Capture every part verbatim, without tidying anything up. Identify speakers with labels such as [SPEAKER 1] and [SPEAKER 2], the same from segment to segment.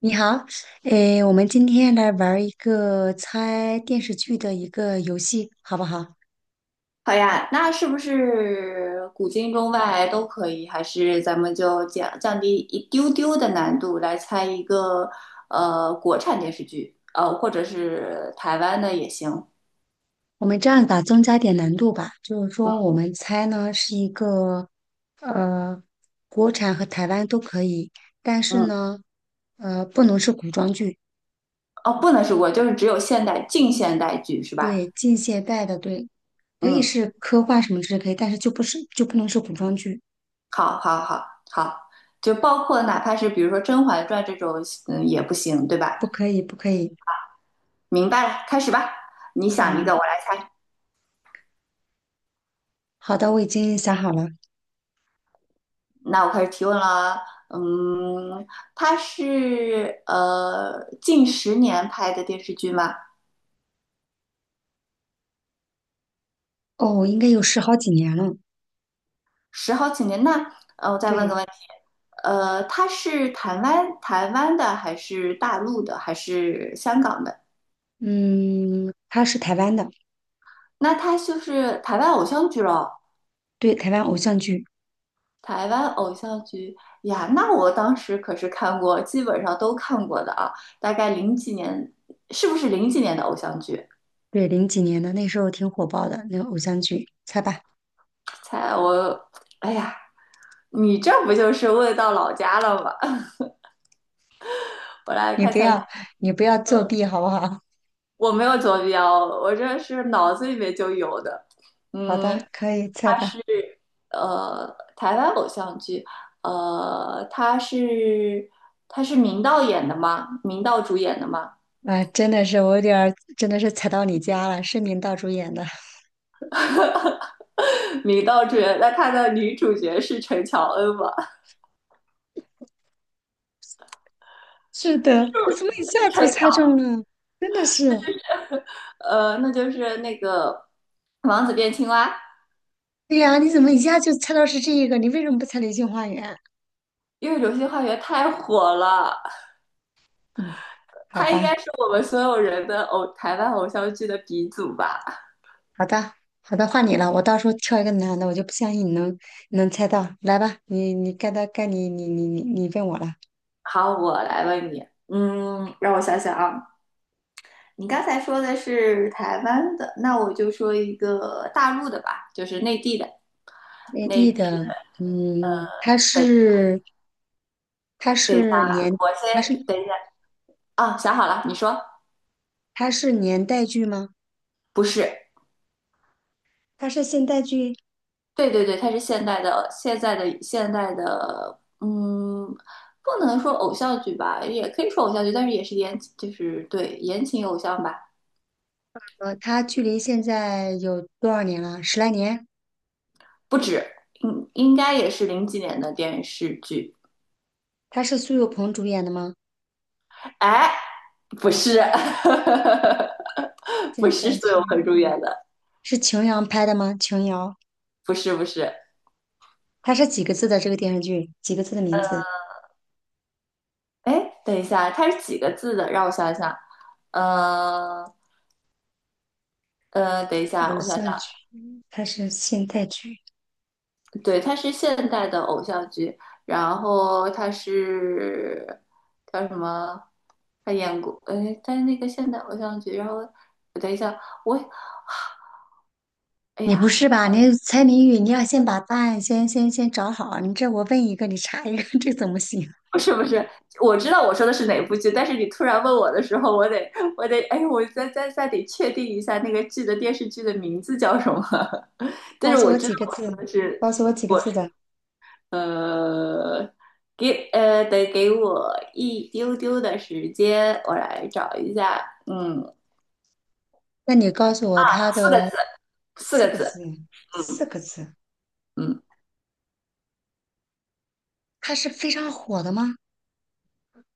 [SPEAKER 1] 你好，诶，我们今天来玩儿一个猜电视剧的一个游戏，好不好？
[SPEAKER 2] 好呀，那是不是古今中外都可以？还是咱们就降降低一丢丢的难度来猜一个呃国产电视剧，呃或者是台湾的也行。
[SPEAKER 1] 我们这样吧，增加点难度吧，就是说我们猜呢是一个呃，国产和台湾都可以，但是
[SPEAKER 2] 嗯，
[SPEAKER 1] 呢，呃，不能是古装剧，
[SPEAKER 2] 哦，不能是国，就是只有现代近现代剧是吧？
[SPEAKER 1] 对，近现代的，对，可以
[SPEAKER 2] 嗯，
[SPEAKER 1] 是科幻什么之类可以，但是就不是就不能是古装剧，
[SPEAKER 2] 好，好，好，好，就包括哪怕是比如说《甄嬛传》这种，嗯，也不行，对
[SPEAKER 1] 不
[SPEAKER 2] 吧？
[SPEAKER 1] 可以，不可以。
[SPEAKER 2] 明白了，开始吧。你想一
[SPEAKER 1] 嗯，
[SPEAKER 2] 个，我来猜。
[SPEAKER 1] 好的，我已经想好了。
[SPEAKER 2] 那我开始提问了。嗯，他是呃近十年拍的电视剧吗？
[SPEAKER 1] 哦，应该有十好几年了，
[SPEAKER 2] 十好几年。那呃，我再问个
[SPEAKER 1] 对。
[SPEAKER 2] 问题，呃，他是台湾台湾的还是大陆的还是香港的？
[SPEAKER 1] 嗯，它是台湾的。
[SPEAKER 2] 那他就是台湾偶像剧咯，
[SPEAKER 1] 对，台湾偶像剧，
[SPEAKER 2] 台湾偶像剧呀，那我当时可是看过，基本上都看过的啊。大概零几年，是不是零几年的偶像剧？
[SPEAKER 1] 对，零几年的那时候挺火爆的那个偶像剧，猜吧。
[SPEAKER 2] 猜我，哎呀。你这不就是问到老家了吗？我来
[SPEAKER 1] 你
[SPEAKER 2] 看一
[SPEAKER 1] 不
[SPEAKER 2] 下，
[SPEAKER 1] 要你不要作弊好不好？
[SPEAKER 2] 我没有坐标，我这是脑子里面就有的。
[SPEAKER 1] 好的，
[SPEAKER 2] 嗯，
[SPEAKER 1] 可以猜
[SPEAKER 2] 他
[SPEAKER 1] 吧。
[SPEAKER 2] 是呃台湾偶像剧，呃，他是他是明道演的吗？明道主演的吗？
[SPEAKER 1] 啊，真的是我有点儿真的是踩到你家了，是明道主演的。
[SPEAKER 2] 明道主演，那他的女主角是陈乔恩吗？
[SPEAKER 1] 是的，你怎么一 下就
[SPEAKER 2] 陈乔，
[SPEAKER 1] 猜中了？真的是。
[SPEAKER 2] 呃，那就是那个《王子变青蛙》，
[SPEAKER 1] 对呀，你怎么一下就猜到是这一个？你为什么不猜《流星花园》？
[SPEAKER 2] 因为《流星花园》太火了，
[SPEAKER 1] 嗯，好
[SPEAKER 2] 他应
[SPEAKER 1] 吧。
[SPEAKER 2] 该是我们所有人的偶台湾偶像剧的鼻祖吧。
[SPEAKER 1] 好的，好的，换你了。我到时候挑一个男的，我就不相信你能你能猜到。来吧，你你该到该你你你你你问我了。
[SPEAKER 2] 好，我来问你，嗯，让我想想啊，你刚才说的是台湾的，那我就说一个大陆的吧，就是内地的，
[SPEAKER 1] 内
[SPEAKER 2] 内
[SPEAKER 1] 地
[SPEAKER 2] 地的。
[SPEAKER 1] 的，嗯，它
[SPEAKER 2] 对，
[SPEAKER 1] 是它
[SPEAKER 2] 等一下，
[SPEAKER 1] 是年
[SPEAKER 2] 我先
[SPEAKER 1] 它是
[SPEAKER 2] 等一下啊，想好了，你说
[SPEAKER 1] 它是年代剧吗？
[SPEAKER 2] 不是？
[SPEAKER 1] 它是现代剧。
[SPEAKER 2] 对对对，它是现代的，现在的现代的，嗯，不能说偶像剧吧，也可以说偶像剧，但是也是言，就是对言情偶像吧。
[SPEAKER 1] 呃，它距离现在有多少年了？十来年？
[SPEAKER 2] 不止，应应该也是零几年的电视剧。
[SPEAKER 1] 它是苏有朋主演的吗？
[SPEAKER 2] 哎，不是，不
[SPEAKER 1] 现
[SPEAKER 2] 是
[SPEAKER 1] 代
[SPEAKER 2] 苏有
[SPEAKER 1] 剧
[SPEAKER 2] 朋主演的，
[SPEAKER 1] 是琼瑶拍的吗？琼瑶，
[SPEAKER 2] 不是不是。
[SPEAKER 1] 它是几个字的这个电视剧？几个字的名字？
[SPEAKER 2] 哎，等一下，它是几个字的？让我想想。呃呃，等一下，
[SPEAKER 1] 偶
[SPEAKER 2] 我想想。
[SPEAKER 1] 像剧，它是现代剧。
[SPEAKER 2] 对，它是现代的偶像剧，然后它是叫什么？他演过，哎，他是那个现代偶像剧，然后等一下，我哎
[SPEAKER 1] 你不
[SPEAKER 2] 呀，
[SPEAKER 1] 是吧？你猜谜语，你要先把答案先先先找好。你这我问一个，你查一个，这怎么行？
[SPEAKER 2] 不是不是，我知道我说的是哪部剧，但是你突然问我的时候，我得我得哎，我再再再得确定一下那个剧的电视剧的名字叫什么。但
[SPEAKER 1] 告
[SPEAKER 2] 是
[SPEAKER 1] 诉
[SPEAKER 2] 我
[SPEAKER 1] 我
[SPEAKER 2] 知道
[SPEAKER 1] 几个
[SPEAKER 2] 我
[SPEAKER 1] 字，
[SPEAKER 2] 说的是
[SPEAKER 1] 告诉我几个
[SPEAKER 2] 我
[SPEAKER 1] 字的。
[SPEAKER 2] 呃给呃得给我一丢丢的时间，我来找一下，嗯，
[SPEAKER 1] 那你告诉我他
[SPEAKER 2] 四个
[SPEAKER 1] 的
[SPEAKER 2] 字，四
[SPEAKER 1] 四
[SPEAKER 2] 个
[SPEAKER 1] 个
[SPEAKER 2] 字，
[SPEAKER 1] 字，
[SPEAKER 2] 嗯
[SPEAKER 1] 四个字。
[SPEAKER 2] 嗯
[SPEAKER 1] 他是非常火的吗？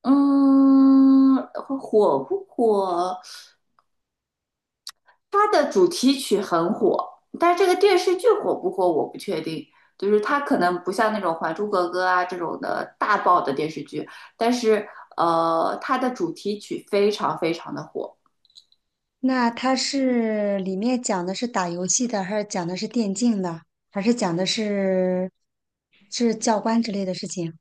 [SPEAKER 2] 嗯，火不火？它的主题曲很火，但是这个电视剧火不火我不确定。就是它可能不像那种《还珠格格》啊这种的大爆的电视剧，但是呃，它的主题曲非常非常的火。
[SPEAKER 1] 那他是里面讲的是打游戏的，还是讲的是电竞的，还是讲的是是教官之类的事情？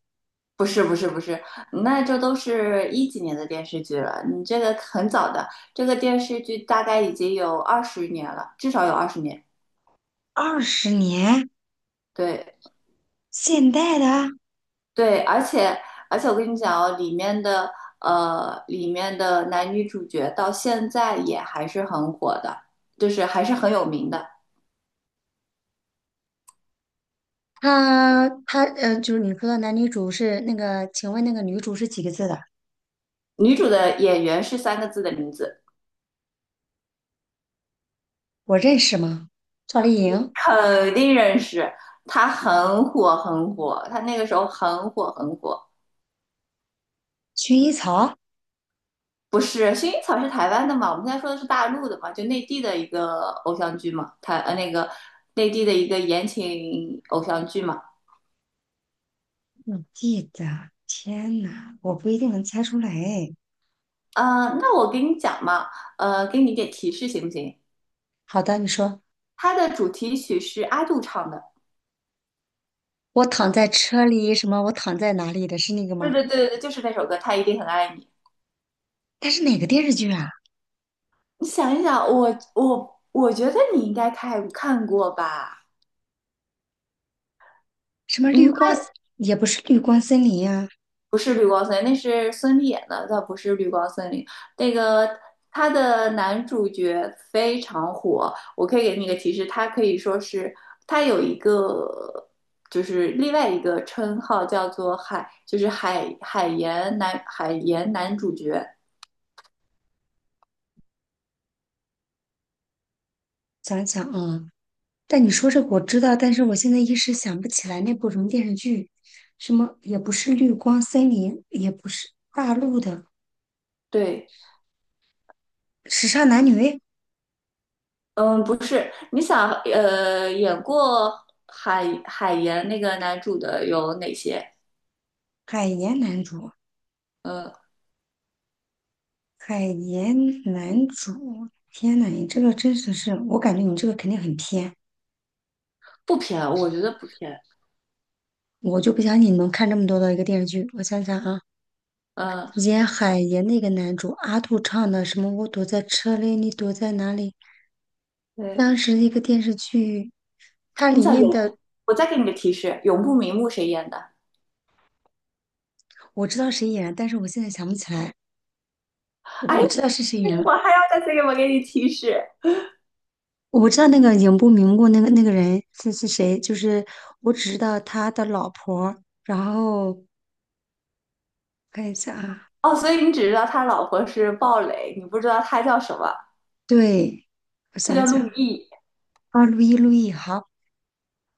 [SPEAKER 2] 不是不是不是，那这都是一几年的电视剧了，你这个很早的，这个电视剧大概已经有二十年了，至少有二十年。
[SPEAKER 1] 二十年，
[SPEAKER 2] 对，
[SPEAKER 1] 现代的。
[SPEAKER 2] 对，而且而且我跟你讲哦，里面的呃，里面的男女主角到现在也还是很火的，就是还是很有名的。
[SPEAKER 1] 他他呃，就是你说的男女主是那个，请问那个女主是几个字的？
[SPEAKER 2] 女主的演员是三个字的名字，
[SPEAKER 1] 我认识吗？赵丽颖、
[SPEAKER 2] 肯定认识。她很火很火，她那个时候很火很火。
[SPEAKER 1] 薰衣草。
[SPEAKER 2] 不是，薰衣草是台湾的嘛？我们现在说的是大陆的嘛，就内地的一个偶像剧嘛，台呃那个内地的一个言情偶像剧嘛。
[SPEAKER 1] 我记得，天呐，我不一定能猜出来。哎，
[SPEAKER 2] 呃，那我给你讲嘛，呃，给你一点提示行不行？
[SPEAKER 1] 好的，你说，
[SPEAKER 2] 它的主题曲是阿杜唱的。
[SPEAKER 1] 我躺在车里，什么？我躺在哪里的是那个
[SPEAKER 2] 对
[SPEAKER 1] 吗？
[SPEAKER 2] 对对对，就是那首歌《他一定很爱你》。
[SPEAKER 1] 但是哪个电视剧啊？
[SPEAKER 2] 你想一想，我我我觉得你应该看看过吧？
[SPEAKER 1] 什么
[SPEAKER 2] 嗯，
[SPEAKER 1] 绿光，也不是绿光森林呀、
[SPEAKER 2] 不是绿光森林，那是孙俪演的，倒不是绿光森林。那个他的男主角非常火，我可以给你一个提示，他可以说是他有一个就是另外一个称号叫做海，就是海海盐男海盐男主角。
[SPEAKER 1] 想想啊，但你说这个我知道，但是我现在一时想不起来那部什么电视剧，什么也不是绿光森林，也不是大陆的
[SPEAKER 2] 对，
[SPEAKER 1] 时尚男女，
[SPEAKER 2] 嗯，不是，你想，呃，演过海海岩那个男主的有哪些？
[SPEAKER 1] 海盐男主，
[SPEAKER 2] 嗯，
[SPEAKER 1] 海盐男主。天呐，你这个真的是，我感觉你这个肯定很偏。
[SPEAKER 2] 不偏，我觉得不偏。
[SPEAKER 1] 我就不相信你能看这么多的一个电视剧。我想想啊，
[SPEAKER 2] 嗯，
[SPEAKER 1] 演海岩那个男主阿杜唱的什么"我躲在车里，你躲在哪里"，
[SPEAKER 2] 对，
[SPEAKER 1] 当时一个电视剧，它
[SPEAKER 2] 你
[SPEAKER 1] 里
[SPEAKER 2] 想
[SPEAKER 1] 面
[SPEAKER 2] 永，
[SPEAKER 1] 的
[SPEAKER 2] 我再给你个提示，永不瞑目谁演的？
[SPEAKER 1] 我知道谁演了，但是我现在想不起来。
[SPEAKER 2] 哎，
[SPEAKER 1] 我知道是谁演了，
[SPEAKER 2] 我还要再次给我给你提示。
[SPEAKER 1] 我知道那个影不瞑目那个那个人是是谁，就是我只知道他的老婆。然后看一下啊，
[SPEAKER 2] 哦，所以你只知道他老婆是鲍蕾，你不知道他叫什么，
[SPEAKER 1] 对，我
[SPEAKER 2] 他
[SPEAKER 1] 想
[SPEAKER 2] 叫陆
[SPEAKER 1] 想
[SPEAKER 2] 毅。
[SPEAKER 1] 啊，路易路易，好。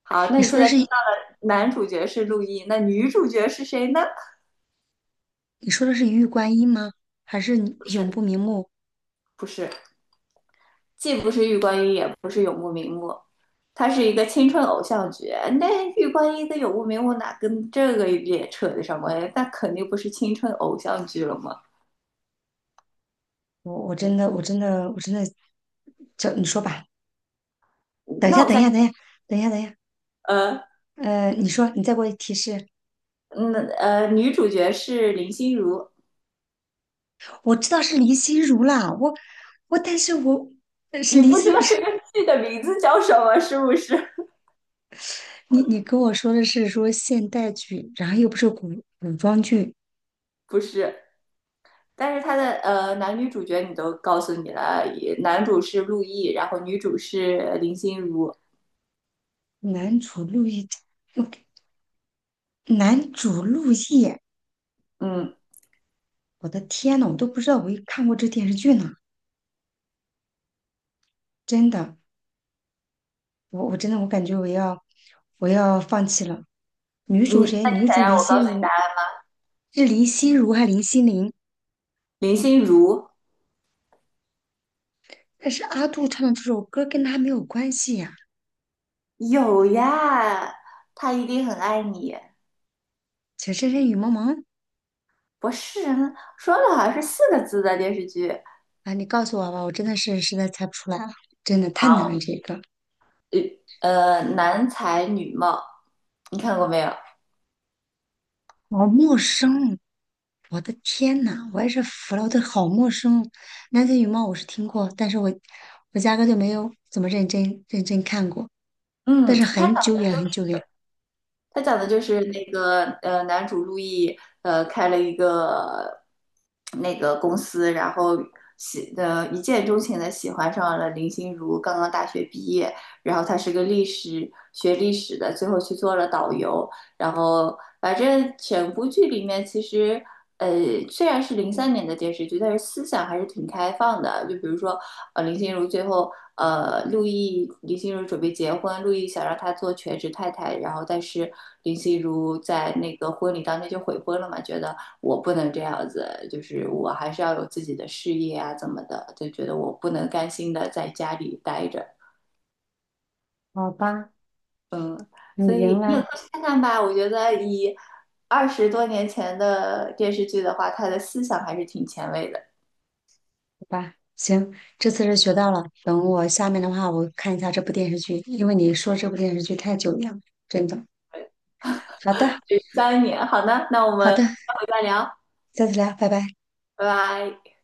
[SPEAKER 2] 好，那
[SPEAKER 1] 你
[SPEAKER 2] 你
[SPEAKER 1] 说
[SPEAKER 2] 现
[SPEAKER 1] 的
[SPEAKER 2] 在
[SPEAKER 1] 是。
[SPEAKER 2] 知道了男主角是陆毅，那女主角是谁呢？
[SPEAKER 1] 你说的是一玉观音吗？还是你
[SPEAKER 2] 不
[SPEAKER 1] 永不
[SPEAKER 2] 是，
[SPEAKER 1] 瞑目？
[SPEAKER 2] 不是。既不是玉观音，也不是永不瞑目，它是一个青春偶像剧。那玉观音跟永不瞑目哪跟这个也扯得上关系？那肯定不是青春偶像剧了嘛。
[SPEAKER 1] 我我真的我真的我真的，叫你说吧。等一下，
[SPEAKER 2] 那我
[SPEAKER 1] 等一
[SPEAKER 2] 再
[SPEAKER 1] 下，等一下，等一下，等一下。
[SPEAKER 2] 呃，
[SPEAKER 1] 呃，你说，你再给我提示。
[SPEAKER 2] 那呃，女主角是林心如，
[SPEAKER 1] 我知道是林心如啦，我我，但是我呃是
[SPEAKER 2] 你
[SPEAKER 1] 林
[SPEAKER 2] 不知
[SPEAKER 1] 心
[SPEAKER 2] 道
[SPEAKER 1] 如。
[SPEAKER 2] 这个剧的名字叫什么是不是？
[SPEAKER 1] 你你跟我说的是说现代剧，然后又不是古古装剧。
[SPEAKER 2] 不是，但是它的呃男女主角你都告诉你了，也男主是陆毅，然后女主是林心如。
[SPEAKER 1] 男主陆毅，我男主陆毅，
[SPEAKER 2] 嗯，
[SPEAKER 1] 我的天呐，我都不知道我看过这电视剧呢，真的。我我真的我感觉我要我要放弃了。女主
[SPEAKER 2] 你
[SPEAKER 1] 谁？
[SPEAKER 2] 那你
[SPEAKER 1] 女
[SPEAKER 2] 想
[SPEAKER 1] 主林
[SPEAKER 2] 让我告
[SPEAKER 1] 心
[SPEAKER 2] 诉你
[SPEAKER 1] 如，
[SPEAKER 2] 答案？
[SPEAKER 1] 是林心如还林心凌？
[SPEAKER 2] 林心如。
[SPEAKER 1] 但是阿杜唱的这首歌跟她没有关系呀、
[SPEAKER 2] 有呀，他一定很爱你。
[SPEAKER 1] 情深深雨蒙蒙
[SPEAKER 2] 不是说了好像是四个字的电视剧，
[SPEAKER 1] 啊，你告诉我吧，我真的是实在猜不出来了，真的太
[SPEAKER 2] 好，
[SPEAKER 1] 难了这个。
[SPEAKER 2] 呃，男才女貌，你看过没有？
[SPEAKER 1] 好陌生，我的天呐，我也是服了，我的好陌生。南拳女貌我是听过，但是我我压根就没有怎么认真认真看过，但
[SPEAKER 2] 嗯，
[SPEAKER 1] 是
[SPEAKER 2] 他。
[SPEAKER 1] 很久远很久远。
[SPEAKER 2] 他讲的就是那个呃，男主陆毅呃开了一个那个公司，然后喜呃一见钟情的喜欢上了林心如，刚刚大学毕业，然后他是个历史学历史的，最后去做了导游，然后反正整部剧里面其实。呃，虽然是零三年的电视剧，但是思想还是挺开放的。就比如说，呃，林心如最后呃，陆毅林心如准备结婚，陆毅想让她做全职太太，然后但是林心如在那个婚礼当天就悔婚了嘛，觉得我不能这样子，就是我还是要有自己的事业啊，怎么的，就觉得我不能甘心的在家里待着，
[SPEAKER 1] 好吧，
[SPEAKER 2] 嗯，所
[SPEAKER 1] 你赢
[SPEAKER 2] 以你有
[SPEAKER 1] 了。
[SPEAKER 2] 空去看看吧，我觉得以二十多年前的电视剧的话，它的思想还是挺前卫的。
[SPEAKER 1] 吧，行，这次是学到了。等我下面的话，我看一下这部电视剧，因为你说这部电视剧太久远了，真的。好的，
[SPEAKER 2] 三年，好的，那我
[SPEAKER 1] 好
[SPEAKER 2] 们
[SPEAKER 1] 的，
[SPEAKER 2] 下回再聊，
[SPEAKER 1] 下次聊，拜拜。
[SPEAKER 2] 拜拜。